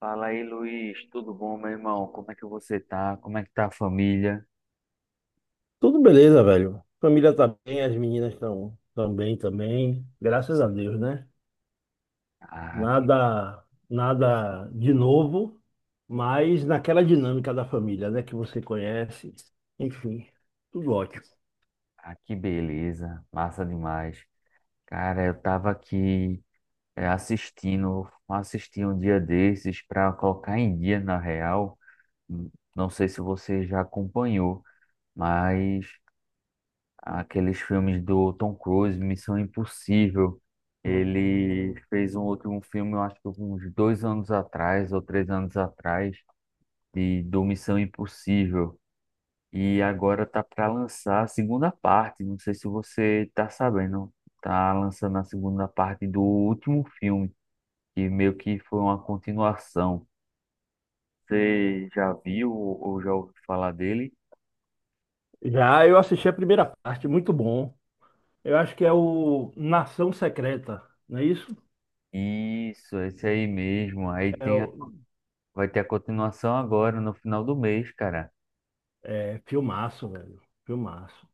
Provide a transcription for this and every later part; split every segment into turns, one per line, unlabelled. Fala aí, Luiz. Tudo bom, meu irmão? Como é que você tá? Como é que tá a família?
Tudo beleza, velho. Família tá bem, as meninas estão bem também. Graças a Deus, né?
Ah, que,
Nada de novo, mas naquela dinâmica da família, né? Que você conhece. Enfim, tudo ótimo.
ah, que beleza. Massa demais. Cara, eu tava aqui assisti um dia desses para colocar em dia, na real. Hum, Não sei se você já acompanhou, mas aqueles filmes do Tom Cruise, Missão Impossível. Ele fez um último filme, eu acho que uns 2 anos atrás ou 3 anos atrás, do Missão Impossível. E agora tá para lançar a segunda parte. Não sei se você tá sabendo. Tá lançando a segunda parte do último filme, que meio que foi uma continuação. Você já viu ou já ouviu falar dele?
Já eu assisti a primeira parte, muito bom. Eu acho que é o Nação Secreta, não é isso?
Isso, esse aí mesmo.
É o
Vai ter a continuação agora, no final do mês, cara.
é filmaço, velho. Filmaço.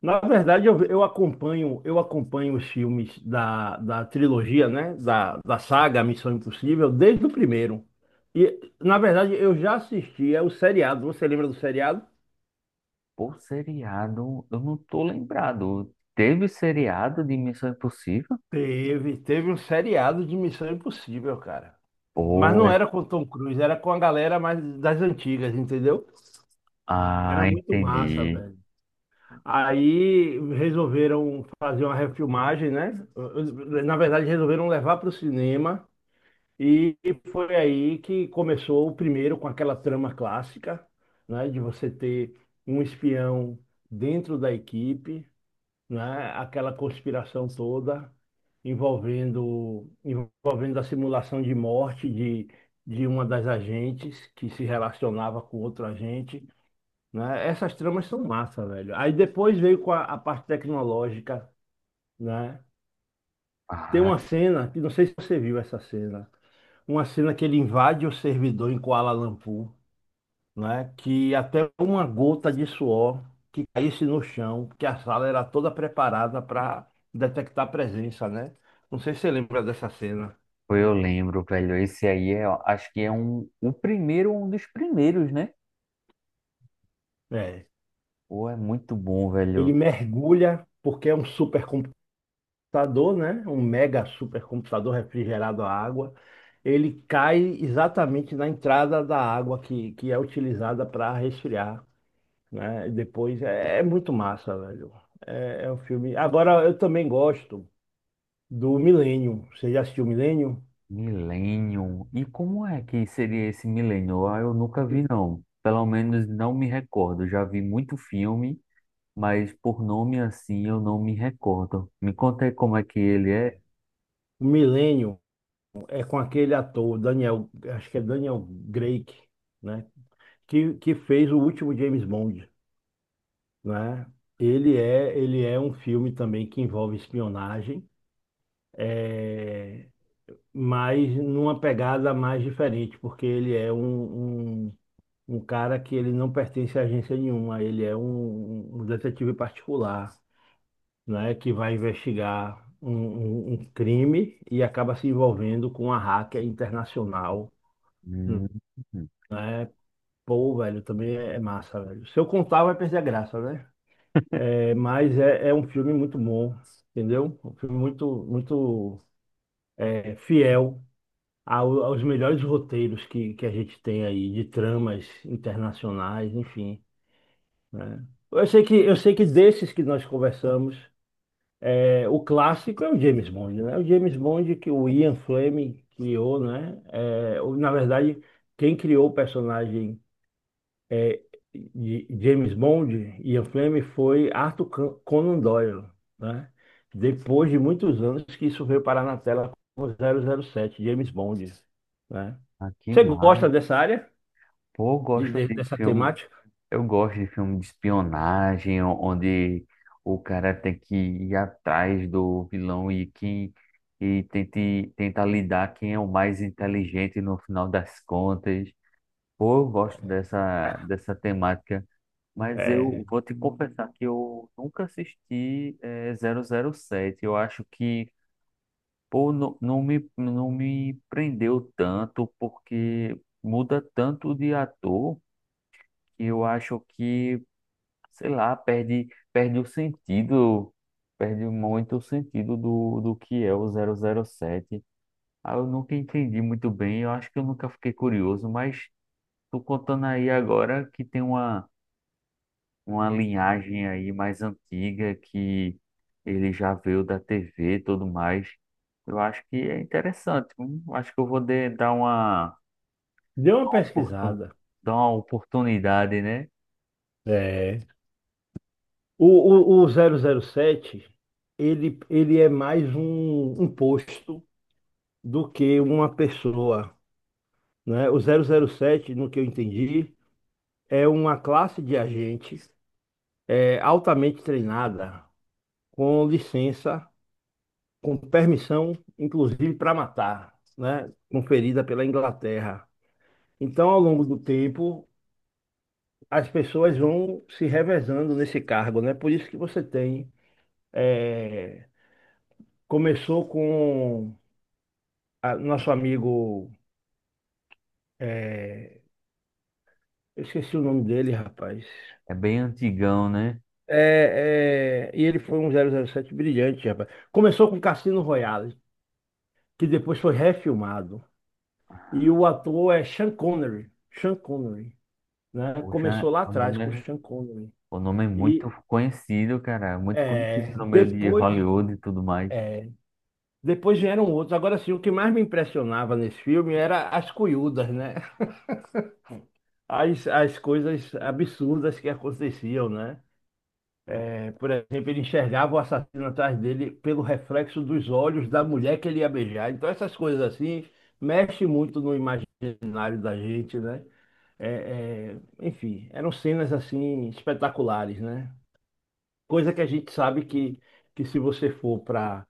Na verdade, eu acompanho, eu acompanho os filmes da trilogia, né? Da, da saga Missão Impossível, desde o primeiro. E, na verdade, eu já assistia o seriado. Você lembra do seriado?
Por seriado, eu não tô lembrado. Teve seriado de Missão Impossível?
Teve um seriado de Missão Impossível, cara. Mas
Pô,
não
é...
era com o Tom Cruise, era com a galera mais das antigas, entendeu? Era
Ah,
muito massa,
entendi.
velho. Aí resolveram fazer uma refilmagem, né? Na verdade, resolveram levar para o cinema. E foi aí que começou o primeiro com aquela trama clássica, né, de você ter um espião dentro da equipe, né, aquela conspiração toda envolvendo a simulação de morte de uma das agentes que se relacionava com outro agente, né? Essas tramas são massa, velho. Aí depois veio com a parte tecnológica, né? Tem
Ah,
uma cena, que não sei se você viu essa cena, uma cena que ele invade o servidor em Kuala Lumpur, né? Que até uma gota de suor que caísse no chão, que a sala era toda preparada para detectar a presença, né? Não sei se você lembra dessa cena.
pô, eu lembro, velho. Esse aí é, acho que é um, o primeiro, um dos primeiros, né?
É.
Pô, é muito bom,
Ele
velho.
mergulha, porque é um supercomputador, né? Um mega supercomputador refrigerado à água. Ele cai exatamente na entrada da água que é utilizada para resfriar, né? E depois é, é muito massa, velho. É, é um filme. Agora eu também gosto do Milênio. Você já assistiu o Milênio?
Millennium. E como é que seria esse Millennium? Ah, eu nunca vi, não. Pelo menos não me recordo. Já vi muito filme, mas por nome assim eu não me recordo. Me conta aí como é que ele é.
O Milênio é com aquele ator, Daniel, acho que é Daniel Craig, né? Que fez o último James Bond, né? Ele é um filme também que envolve espionagem, é, mas numa pegada mais diferente, porque ele é um cara que ele não pertence a agência nenhuma, ele é um detetive particular, né, que vai investigar um crime e acaba se envolvendo com uma hacker internacional,
Hum,
né? Pô, velho, também é massa, velho. Se eu contar, vai perder a graça, né? É, mas é, é um filme muito bom, entendeu? Um filme muito, muito é, fiel ao- aos melhores roteiros que a gente tem aí, de tramas internacionais, enfim, né? Eu sei que desses que nós conversamos, é, o clássico é o James Bond, né? O James Bond que o Ian Fleming criou, né? É, o- na verdade, quem criou o personagem é, de James Bond, Ian Fleming, foi Arthur Con- Conan Doyle, né? Depois de muitos anos que isso veio parar na tela com zero zero sete James Bond, né?
ah, que
Você gosta
mar.
dessa área,
Pô, eu gosto
de-
de
dessa
filme.
temática?
Eu gosto de filme de espionagem, onde o cara tem que ir atrás do vilão e quem e tenta lidar quem é o mais inteligente no final das contas. Pô, eu gosto dessa temática, mas eu
É,
vou te confessar que eu nunca assisti 007. Eu acho que pô, não, não me prendeu tanto, porque muda tanto de ator que eu acho que sei lá, perde o sentido, perde muito o sentido do que é o 007. Ah, eu nunca entendi muito bem, eu acho que eu nunca fiquei curioso, mas tô contando aí agora que tem uma linhagem aí mais antiga que ele já veio da TV e tudo mais. Eu acho que é interessante, eu acho que eu vou
dê uma
oportun-
pesquisada.
dar uma oportunidade, né?
É. O, o zero zero sete ele, ele é mais um, um posto do que uma pessoa, né? O zero zero sete, no que eu entendi, é uma classe de agentes é, altamente treinada, com licença, com permissão, inclusive para matar, né? Conferida pela Inglaterra. Então, ao longo do tempo, as pessoas vão se revezando nesse cargo, né? Por isso que você tem. É, começou com a- nosso amigo. É, eu esqueci o nome dele, rapaz.
É bem antigão, né?
É, é, e ele foi um zero zero sete brilhante, rapaz. Começou com Cassino Royale, que depois foi refilmado. E o ator é Sean Connery. Sean Connery, né?
Poxa,
Começou lá atrás com Sean Connery.
o nome é muito
E
conhecido, cara, muito conhecido
é,
no meio de
depois,
Hollywood e tudo mais.
é, depois vieram outros. Agora sim, o que mais me impressionava nesse filme era as cuiudas, né? As coisas absurdas que aconteciam, né? É, por exemplo, ele enxergava o assassino atrás dele pelo reflexo dos olhos da mulher que ele ia beijar. Então, essas coisas assim mexem muito no imaginário da gente, né? É, é, enfim, eram cenas assim espetaculares, né? Coisa que a gente sabe que se você for para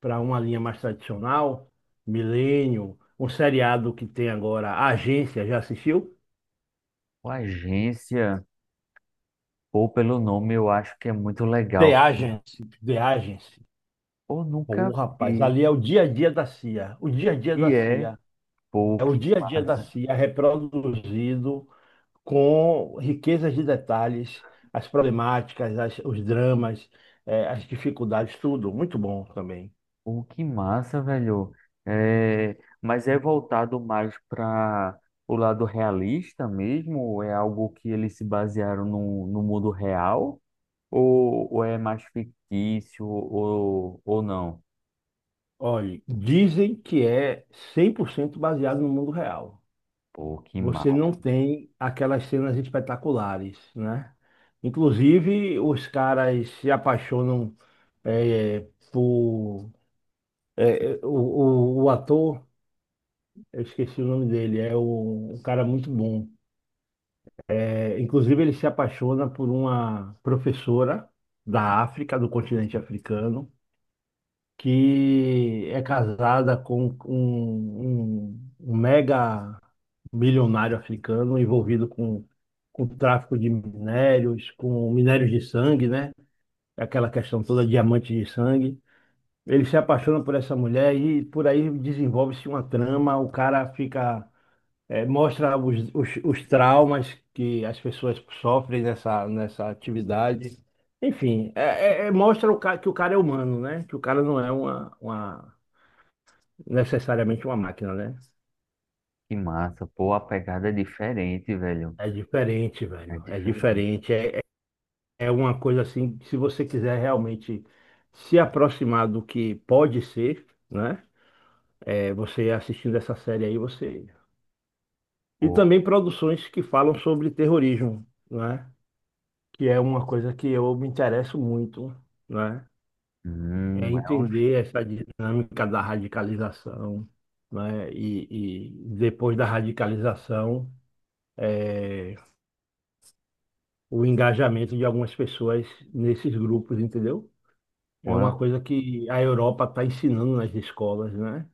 para uma linha mais tradicional, Milênio, um seriado que tem agora, A Agência, já assistiu?
O Agência, pô, pelo nome eu acho que é muito
The
legal, cara.
Agency, The Agency.
Pô,
Pô,
nunca
rapaz,
vi.
ali é o dia a dia da CIA. O dia a dia da
E é,
CIA.
pô,
É o
que
dia a dia da
massa.
CIA reproduzido com riquezas de detalhes, as problemáticas, as- os dramas, as dificuldades, tudo. Muito bom também.
Pô, que massa, velho. É, mas é voltado mais para o lado realista mesmo? É algo que eles se basearam no mundo real? Ou é mais fictício ou não?
Olhe, dizem que é 100% baseado no mundo real.
Pô, que
Você
massa.
não tem aquelas cenas espetaculares, né? Inclusive, os caras se apaixonam eh, por o, o ator. Eu esqueci o nome dele, é um, um cara muito bom. É, inclusive, ele se apaixona por uma professora da África, do continente africano, que é casada com um mega milionário africano envolvido com tráfico de minérios, com minérios de sangue, né? Aquela questão toda, diamante de sangue. Ele se apaixona por essa mulher e por aí desenvolve-se uma trama, o cara fica. É, mostra os traumas que as pessoas sofrem nessa atividade. Enfim, é, é- é- mostra o ca- que o cara é humano, né? Que o cara não é necessariamente uma máquina, né?
Que massa. Pô, a pegada é diferente, velho.
É diferente,
É
velho. É
diferente.
diferente. É, é uma coisa assim, que se você quiser realmente se aproximar do que pode ser, né? É, você assistindo essa série aí, você. E
Pô,
também produções que falam sobre terrorismo, né? que é uma coisa que eu me interesso muito, né? É
hum, é um...
entender essa dinâmica da radicalização, né? E depois da radicalização, é, o engajamento de algumas pessoas nesses grupos, entendeu? É
Pô,
uma coisa que a Europa está ensinando nas escolas, né?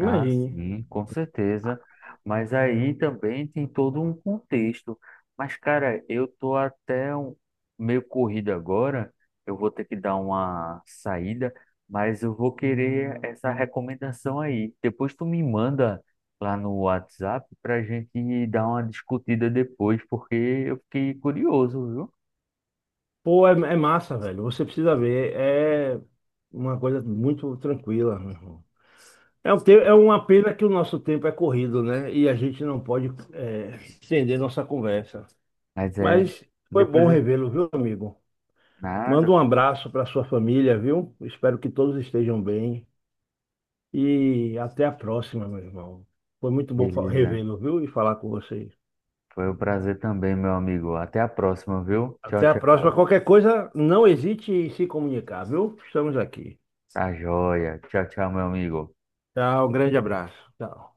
ah, sim, com certeza. Mas aí também tem todo um contexto. Mas, cara, eu tô até meio corrido agora. Eu vou ter que dar uma saída, mas eu vou querer essa recomendação aí. Depois tu me manda lá no WhatsApp pra gente dar uma discutida depois, porque eu fiquei curioso, viu?
Pô, é, é massa, velho. Você precisa ver. É uma coisa muito tranquila, né? É, um te- é uma pena que o nosso tempo é corrido, né? E a gente não pode é, estender nossa conversa.
Mas é.
Mas foi bom
Depois é.
revê-lo, viu, amigo? Manda
Nada,
um abraço para sua família, viu? Espero que todos estejam bem. E até a próxima, meu irmão. Foi muito bom fa-
beleza.
revê-lo, viu? E falar com vocês.
Foi um prazer também, meu amigo. Até a próxima, viu? Tchau,
Até a próxima.
tchau.
Qualquer coisa, não hesite em se comunicar, viu? Estamos aqui.
Tá joia. Tchau, tchau, meu amigo.
Tchau, um grande abraço. Tchau.